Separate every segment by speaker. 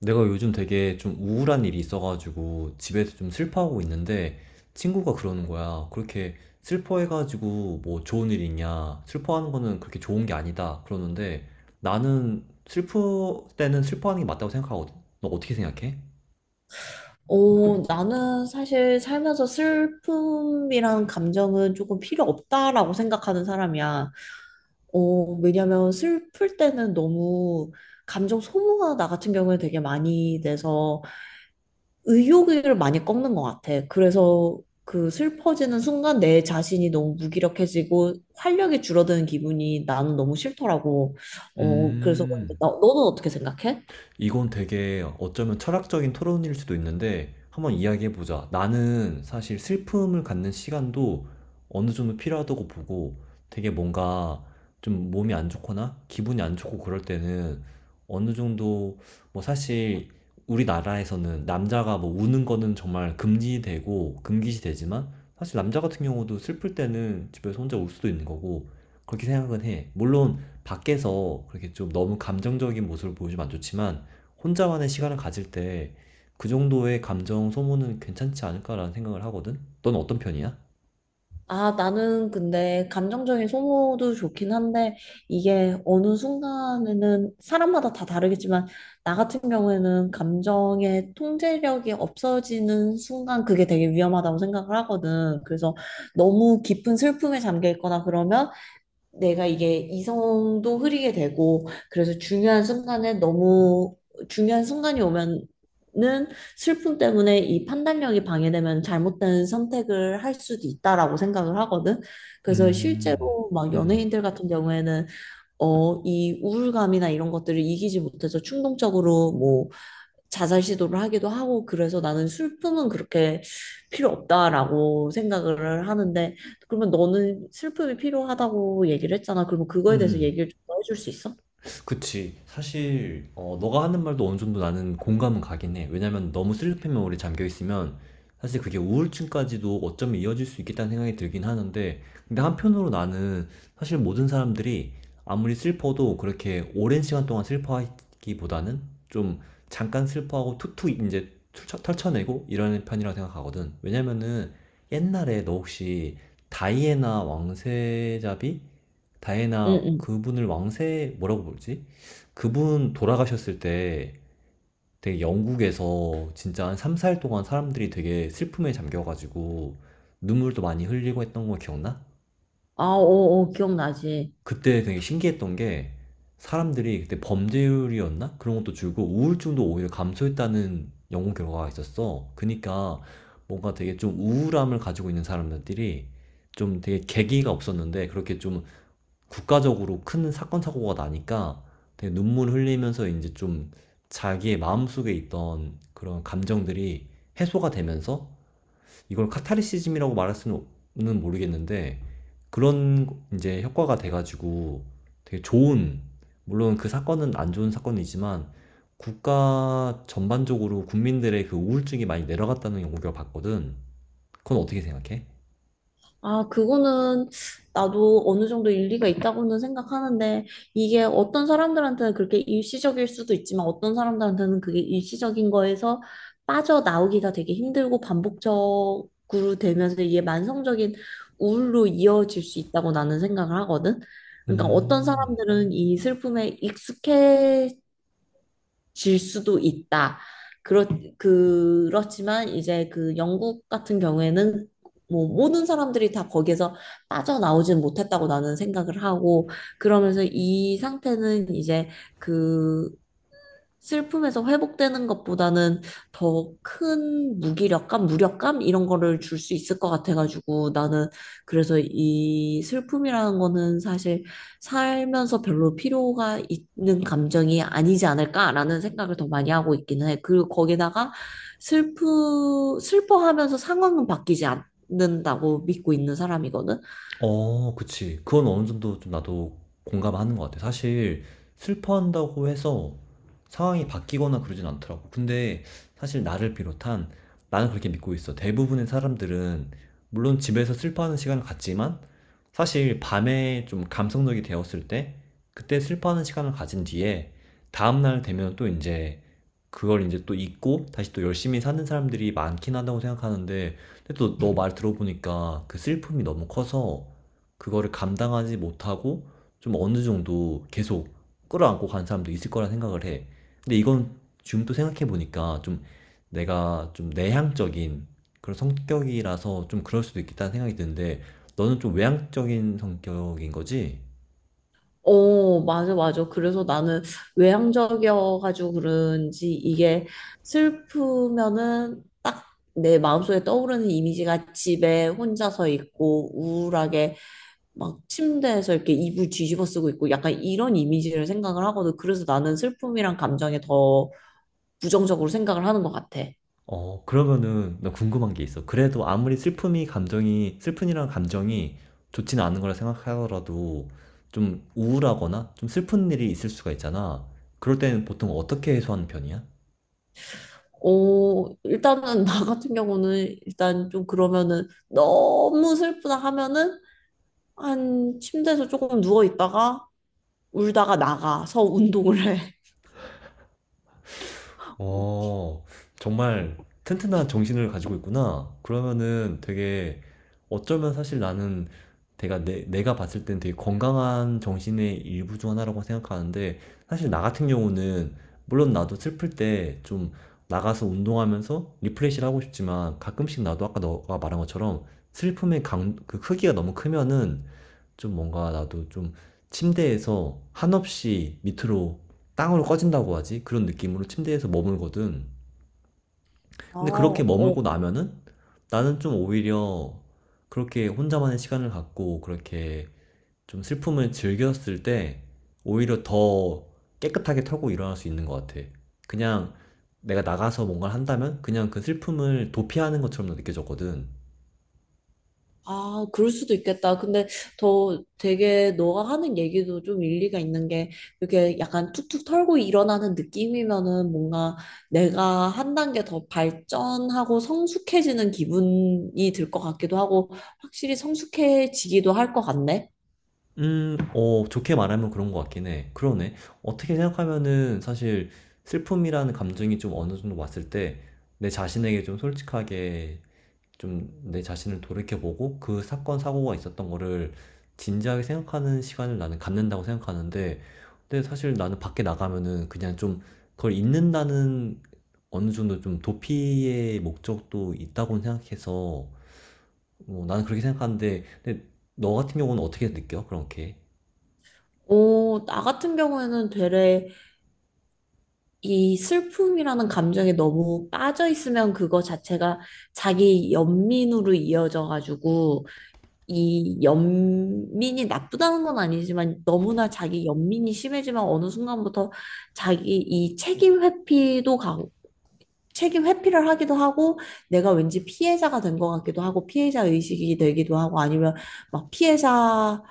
Speaker 1: 내가 요즘 되게 좀 우울한 일이 있어가지고 집에서 좀 슬퍼하고 있는데 친구가 그러는 거야. 그렇게 슬퍼해가지고 뭐 좋은 일 있냐. 슬퍼하는 거는 그렇게 좋은 게 아니다. 그러는데 나는 슬플 때는 슬퍼하는 게 맞다고 생각하거든. 너 어떻게 생각해?
Speaker 2: 나는 사실 살면서 슬픔이란 감정은 조금 필요 없다라고 생각하는 사람이야. 왜냐면 슬플 때는 너무 감정 소모가 나 같은 경우에 되게 많이 돼서 의욕을 많이 꺾는 것 같아. 그래서 그 슬퍼지는 순간 내 자신이 너무 무기력해지고 활력이 줄어드는 기분이 나는 너무 싫더라고. 어, 그래서 그런데
Speaker 1: 음.
Speaker 2: 너는 어떻게 생각해?
Speaker 1: 이건 되게 어쩌면 철학적인 토론일 수도 있는데 한번 이야기해보자. 나는 사실 슬픔을 갖는 시간도 어느 정도 필요하다고 보고, 되게 뭔가 좀 몸이 안 좋거나 기분이 안 좋고 그럴 때는 어느 정도, 뭐 사실 우리나라에서는 남자가 뭐 우는 거는 정말 금지되고 금기시 되지만, 사실 남자 같은 경우도 슬플 때는 집에서 혼자 울 수도 있는 거고, 그렇게 생각은 해. 물론 밖에서 그렇게 좀 너무 감정적인 모습을 보여주면 안 좋지만 혼자만의 시간을 가질 때 그 정도의 감정 소모는 괜찮지 않을까라는 생각을 하거든? 넌 어떤 편이야?
Speaker 2: 아, 나는 근데 감정적인 소모도 좋긴 한데 이게 어느 순간에는 사람마다 다 다르겠지만 나 같은 경우에는 감정의 통제력이 없어지는 순간 그게 되게 위험하다고 생각을 하거든. 그래서 너무 깊은 슬픔에 잠겨 있거나 그러면 내가 이게 이성도 흐리게 되고 그래서 중요한 순간에 너무 중요한 순간이 오면은 슬픔 때문에 이 판단력이 방해되면 잘못된 선택을 할 수도 있다라고 생각을 하거든. 그래서
Speaker 1: 음,
Speaker 2: 실제로 막
Speaker 1: 음,
Speaker 2: 연예인들 같은 경우에는 이 우울감이나 이런 것들을 이기지 못해서 충동적으로 뭐 자살 시도를 하기도 하고. 그래서 나는 슬픔은 그렇게 필요 없다라고 생각을 하는데 그러면 너는 슬픔이 필요하다고 얘기를 했잖아. 그러면
Speaker 1: 음,
Speaker 2: 그거에 대해서
Speaker 1: 음.
Speaker 2: 얘기를 좀더 해줄 수 있어?
Speaker 1: 그치. 사실 너가 하는 말도 어느 정도 나는 공감은 가긴 해. 왜냐면 너무 슬리핑 메모리에 잠겨 있으면 사실 그게 우울증까지도 어쩌면 이어질 수 있겠다는 생각이 들긴 하는데, 근데 한편으로 나는 사실 모든 사람들이 아무리 슬퍼도 그렇게 오랜 시간 동안 슬퍼하기보다는 좀 잠깐 슬퍼하고 툭툭 이제 털쳐내고 이러는 편이라고 생각하거든. 왜냐면은 옛날에 너 혹시 다이애나 왕세자비,
Speaker 2: 응,
Speaker 1: 다이애나
Speaker 2: 응.
Speaker 1: 그분을 왕세 뭐라고 부르지? 그분 돌아가셨을 때 되게 영국에서 진짜 한 3, 4일 동안 사람들이 되게 슬픔에 잠겨가지고 눈물도 많이 흘리고 했던 거 기억나?
Speaker 2: 아, 어, 어, 기억나지.
Speaker 1: 그때 되게 신기했던 게, 사람들이 그때 범죄율이었나? 그런 것도 줄고 우울증도 오히려 감소했다는 연구 결과가 있었어. 그니까 뭔가 되게 좀 우울함을 가지고 있는 사람들이 좀 되게 계기가 없었는데, 그렇게 좀 국가적으로 큰 사건 사고가 나니까 되게 눈물 흘리면서 이제 좀 자기의 마음속에 있던 그런 감정들이 해소가 되면서, 이걸 카타르시즘이라고 말할 수는 모르겠는데, 그런 이제 효과가 돼가지고 되게 좋은, 물론 그 사건은 안 좋은 사건이지만 국가 전반적으로 국민들의 그 우울증이 많이 내려갔다는 연구결과 봤거든. 그건 어떻게 생각해?
Speaker 2: 아, 그거는 나도 어느 정도 일리가 있다고는 생각하는데, 이게 어떤 사람들한테는 그렇게 일시적일 수도 있지만, 어떤 사람들한테는 그게 일시적인 거에서 빠져나오기가 되게 힘들고 반복적으로 되면서 이게 만성적인 우울로 이어질 수 있다고 나는 생각을 하거든. 그러니까 어떤
Speaker 1: 음.
Speaker 2: 사람들은 이 슬픔에 익숙해 질 수도 있다. 그렇, 그렇지만 이제 그 영국 같은 경우에는 뭐 모든 사람들이 다 거기에서 빠져나오진 못했다고 나는 생각을 하고, 그러면서 이 상태는 이제 그 슬픔에서 회복되는 것보다는 더 큰 무기력감, 무력감 이런 거를 줄 수 있을 것 같아가지고, 나는 그래서 이 슬픔이라는 거는 사실 살면서 별로 필요가 있는 감정이 아니지 않을까라는 생각을 더 많이 하고 있기는 해. 그리고 거기다가 슬퍼하면서 상황은 바뀌지 않는다고 믿고 있는 사람이거든.
Speaker 1: 어, 그치. 그건 어느 정도 좀 나도 공감하는 것 같아. 사실 슬퍼한다고 해서 상황이 바뀌거나 그러진 않더라고. 근데 사실 나를 비롯한, 나는 그렇게 믿고 있어. 대부분의 사람들은 물론 집에서 슬퍼하는 시간을 갖지만 사실 밤에 좀 감성적이 되었을 때 그때 슬퍼하는 시간을 가진 뒤에 다음날 되면 또 이제 그걸 이제 또 잊고 다시 또 열심히 사는 사람들이 많긴 하다고 생각하는데, 근데 또 너 말 들어보니까 그 슬픔이 너무 커서 그거를 감당하지 못하고 좀 어느 정도 계속 끌어안고 간 사람도 있을 거라 생각을 해. 근데 이건 지금 또 생각해 보니까, 좀 내가 좀 내향적인 그런 성격이라서 좀 그럴 수도 있겠다는 생각이 드는데, 너는 좀 외향적인 성격인 거지?
Speaker 2: 맞아, 맞아. 그래서 나는 외향적이어가지고 그런지 이게 슬프면은 딱 내 마음속에 떠오르는 이미지가 집에 혼자서 있고 우울하게 막 침대에서 이렇게 이불 뒤집어 쓰고 있고 약간 이런 이미지를 생각을 하거든. 그래서 나는 슬픔이란 감정에 더 부정적으로 생각을 하는 것 같아.
Speaker 1: 어, 그러면은 나 궁금한 게 있어. 그래도 아무리 슬픔이 감정이, 슬픈이라는 감정이 좋지는 않은 거라 생각하더라도 좀 우울하거나 좀 슬픈 일이 있을 수가 있잖아. 그럴 때는 보통 어떻게 해소하는 편이야?
Speaker 2: 일단은 나 같은 경우는 일단 좀 그러면은 너무 슬프다 하면은 한 침대에서 조금 누워 있다가 울다가 나가서 운동을 해.
Speaker 1: 어, 정말 튼튼한 정신을 가지고 있구나. 그러면은 되게 어쩌면, 사실 나는 내가 내가 봤을 땐 되게 건강한 정신의 일부 중 하나라고 생각하는데, 사실 나 같은 경우는 물론 나도 슬플 때 좀 나가서 운동하면서 리프레시를 하고 싶지만, 가끔씩 나도 아까 너가 말한 것처럼 슬픔의 강, 그 크기가 너무 크면은 좀 뭔가 나도 좀 침대에서 한없이 밑으로 땅으로 꺼진다고 하지? 그런 느낌으로 침대에서 머물거든.
Speaker 2: 아,
Speaker 1: 근데 그렇게
Speaker 2: 어,
Speaker 1: 머물고 나면은 나는 좀 오히려 그렇게 혼자만의 시간을 갖고 그렇게 좀 슬픔을 즐겼을 때 오히려 더 깨끗하게 털고 일어날 수 있는 것 같아. 그냥 내가 나가서 뭔가를 한다면 그냥 그 슬픔을 도피하는 것처럼 느껴졌거든.
Speaker 2: 아, 그럴 수도 있겠다. 근데 더 되게 너가 하는 얘기도 좀 일리가 있는 게 이렇게 약간 툭툭 털고 일어나는 느낌이면은 뭔가 내가 한 단계 더 발전하고 성숙해지는 기분이 들 것 같기도 하고 확실히 성숙해지기도 할 것 같네.
Speaker 1: 음. 어, 좋게 말하면 그런 것 같긴 해. 그러네. 어떻게 생각하면은 사실 슬픔이라는 감정이 좀 어느 정도 왔을 때 내 자신에게 좀 솔직하게 좀 내 자신을 돌이켜보고 그 사건, 사고가 있었던 거를 진지하게 생각하는 시간을 나는 갖는다고 생각하는데, 근데 사실 나는 밖에 나가면은 그냥 좀 그걸 잊는다는 어느 정도 좀 도피의 목적도 있다고 생각해서, 뭐 나는 그렇게 생각하는데, 근데 너 같은 경우는 어떻게 느껴? 그렇게.
Speaker 2: 오, 나 같은 경우에는 되레 이 슬픔이라는 감정에 너무 빠져 있으면 그거 자체가 자기 연민으로 이어져 가지고, 이 연민이 나쁘다는 건 아니지만 너무나 자기 연민이 심해지면 어느 순간부터 자기 이 책임 회피도 가고 책임 회피를 하기도 하고, 내가 왠지 피해자가 된 것 같기도 하고 피해자 의식이 되기도 하고, 아니면 막 피해자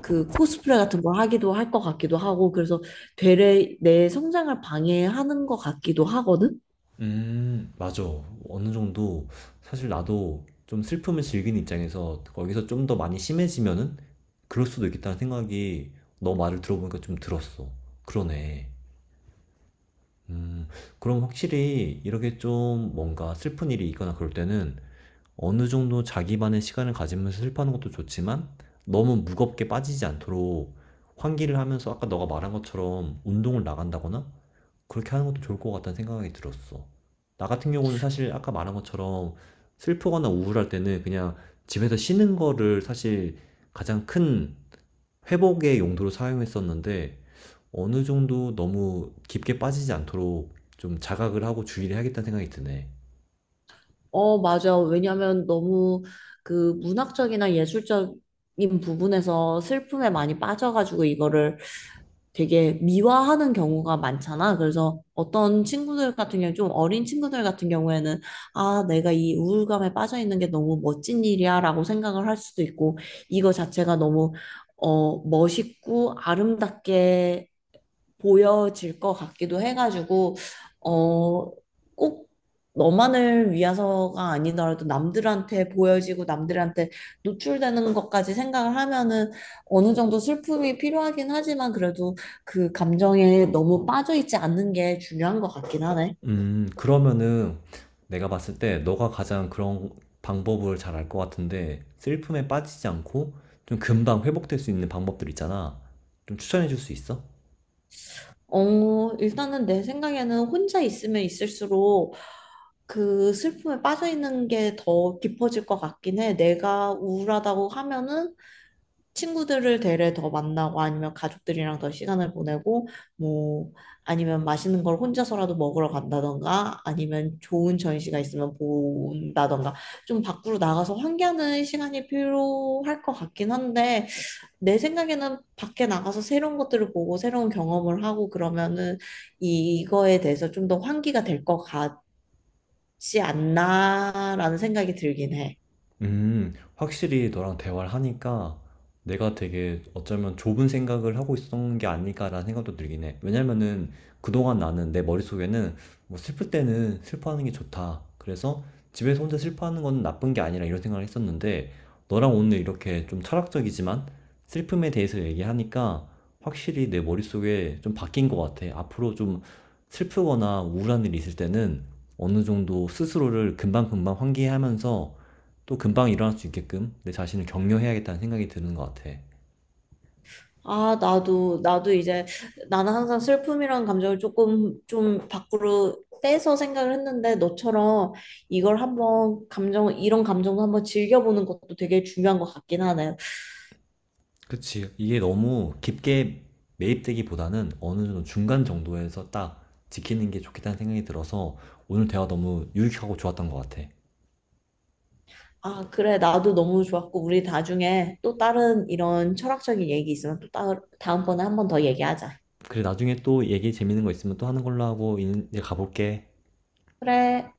Speaker 2: 그 코스프레 같은 걸 하기도 할 것 같기도 하고. 그래서 되레 내 성장을 방해하는 것 같기도 하거든.
Speaker 1: 맞아. 어느 정도 사실 나도 좀 슬픔을 즐기는 입장에서 거기서 좀 더 많이 심해지면은 그럴 수도 있겠다는 생각이 너 말을 들어보니까 좀 들었어. 그러네. 음, 그럼 확실히 이렇게 좀 뭔가 슬픈 일이 있거나 그럴 때는 어느 정도 자기만의 시간을 가지면서 슬퍼하는 것도 좋지만 너무 무겁게 빠지지 않도록 환기를 하면서 아까 너가 말한 것처럼 운동을 나간다거나 그렇게 하는 것도 좋을 것 같다는 생각이 들었어. 나 같은 경우는 사실 아까 말한 것처럼 슬프거나 우울할 때는 그냥 집에서 쉬는 거를 사실 가장 큰 회복의 용도로 사용했었는데, 어느 정도 너무 깊게 빠지지 않도록 좀 자각을 하고 주의를 해야겠다는 생각이 드네.
Speaker 2: 맞아. 왜냐면 너무 그 문학적이나 예술적인 부분에서 슬픔에 많이 빠져가지고 이거를 되게 미화하는 경우가 많잖아. 그래서 어떤 친구들 같은 경우, 좀 어린 친구들 같은 경우에는 아, 내가 이 우울감에 빠져 있는 게 너무 멋진 일이야 라고 생각을 할 수도 있고, 이거 자체가 너무 멋있고 아름답게 보여질 것 같기도 해가지고, 어, 꼭 너만을 위해서가 아니더라도 남들한테 보여지고 남들한테 노출되는 것까지 생각을 하면은 어느 정도 슬픔이 필요하긴 하지만 그래도 그 감정에 너무 빠져있지 않는 게 중요한 것 같긴 하네.
Speaker 1: 그러면은 내가 봤을 때 너가 가장 그런 방법을 잘 알 것 같은데, 슬픔에 빠지지 않고 좀 금방 회복될 수 있는 방법들 있잖아. 좀 추천해 줄 수 있어?
Speaker 2: 일단은 내 생각에는 혼자 있으면 있을수록 그 슬픔에 빠져있는 게 더 깊어질 것 같긴 해. 내가 우울하다고 하면은 친구들을 대래 더 만나고 아니면 가족들이랑 더 시간을 보내고, 뭐 아니면 맛있는 걸 혼자서라도 먹으러 간다던가 아니면 좋은 전시가 있으면 본다던가 좀 밖으로 나가서 환기하는 시간이 필요할 것 같긴 한데, 내 생각에는 밖에 나가서 새로운 것들을 보고 새로운 경험을 하고 그러면은 이거에 대해서 좀 더 환기가 될 것 같지 않나라는 생각이 들긴 해.
Speaker 1: 확실히 너랑 대화를 하니까 내가 되게 어쩌면 좁은 생각을 하고 있었던 게 아닐까라는 생각도 들긴 해. 왜냐면은 그동안 나는 내 머릿속에는 뭐 슬플 때는 슬퍼하는 게 좋다, 그래서 집에서 혼자 슬퍼하는 건 나쁜 게 아니라, 이런 생각을 했었는데 너랑 오늘 이렇게 좀 철학적이지만 슬픔에 대해서 얘기하니까 확실히 내 머릿속에 좀 바뀐 것 같아. 앞으로 좀 슬프거나 우울한 일이 있을 때는 어느 정도 스스로를 금방금방 환기하면서 또 금방 일어날 수 있게끔 내 자신을 격려해야겠다는 생각이 드는 것 같아.
Speaker 2: 아, 나도, 나도 이제, 나는 항상 슬픔이란 감정을 좀 밖으로 떼서 생각을 했는데, 너처럼 이걸 이런 감정도 한번 즐겨보는 것도 되게 중요한 것 같긴 하네.
Speaker 1: 그치. 이게 너무 깊게 매입되기보다는 어느 정도 중간 정도에서 딱 지키는 게 좋겠다는 생각이 들어서 오늘 대화 너무 유익하고 좋았던 것 같아.
Speaker 2: 아, 그래, 나도 너무 좋았고, 우리 나중에 또 다른 이런 철학적인 얘기 있으면 다음번에 한번 더 얘기하자.
Speaker 1: 그래, 나중에 또 얘기 재밌는 거 있으면 또 하는 걸로 하고 이제 가볼게.
Speaker 2: 그래.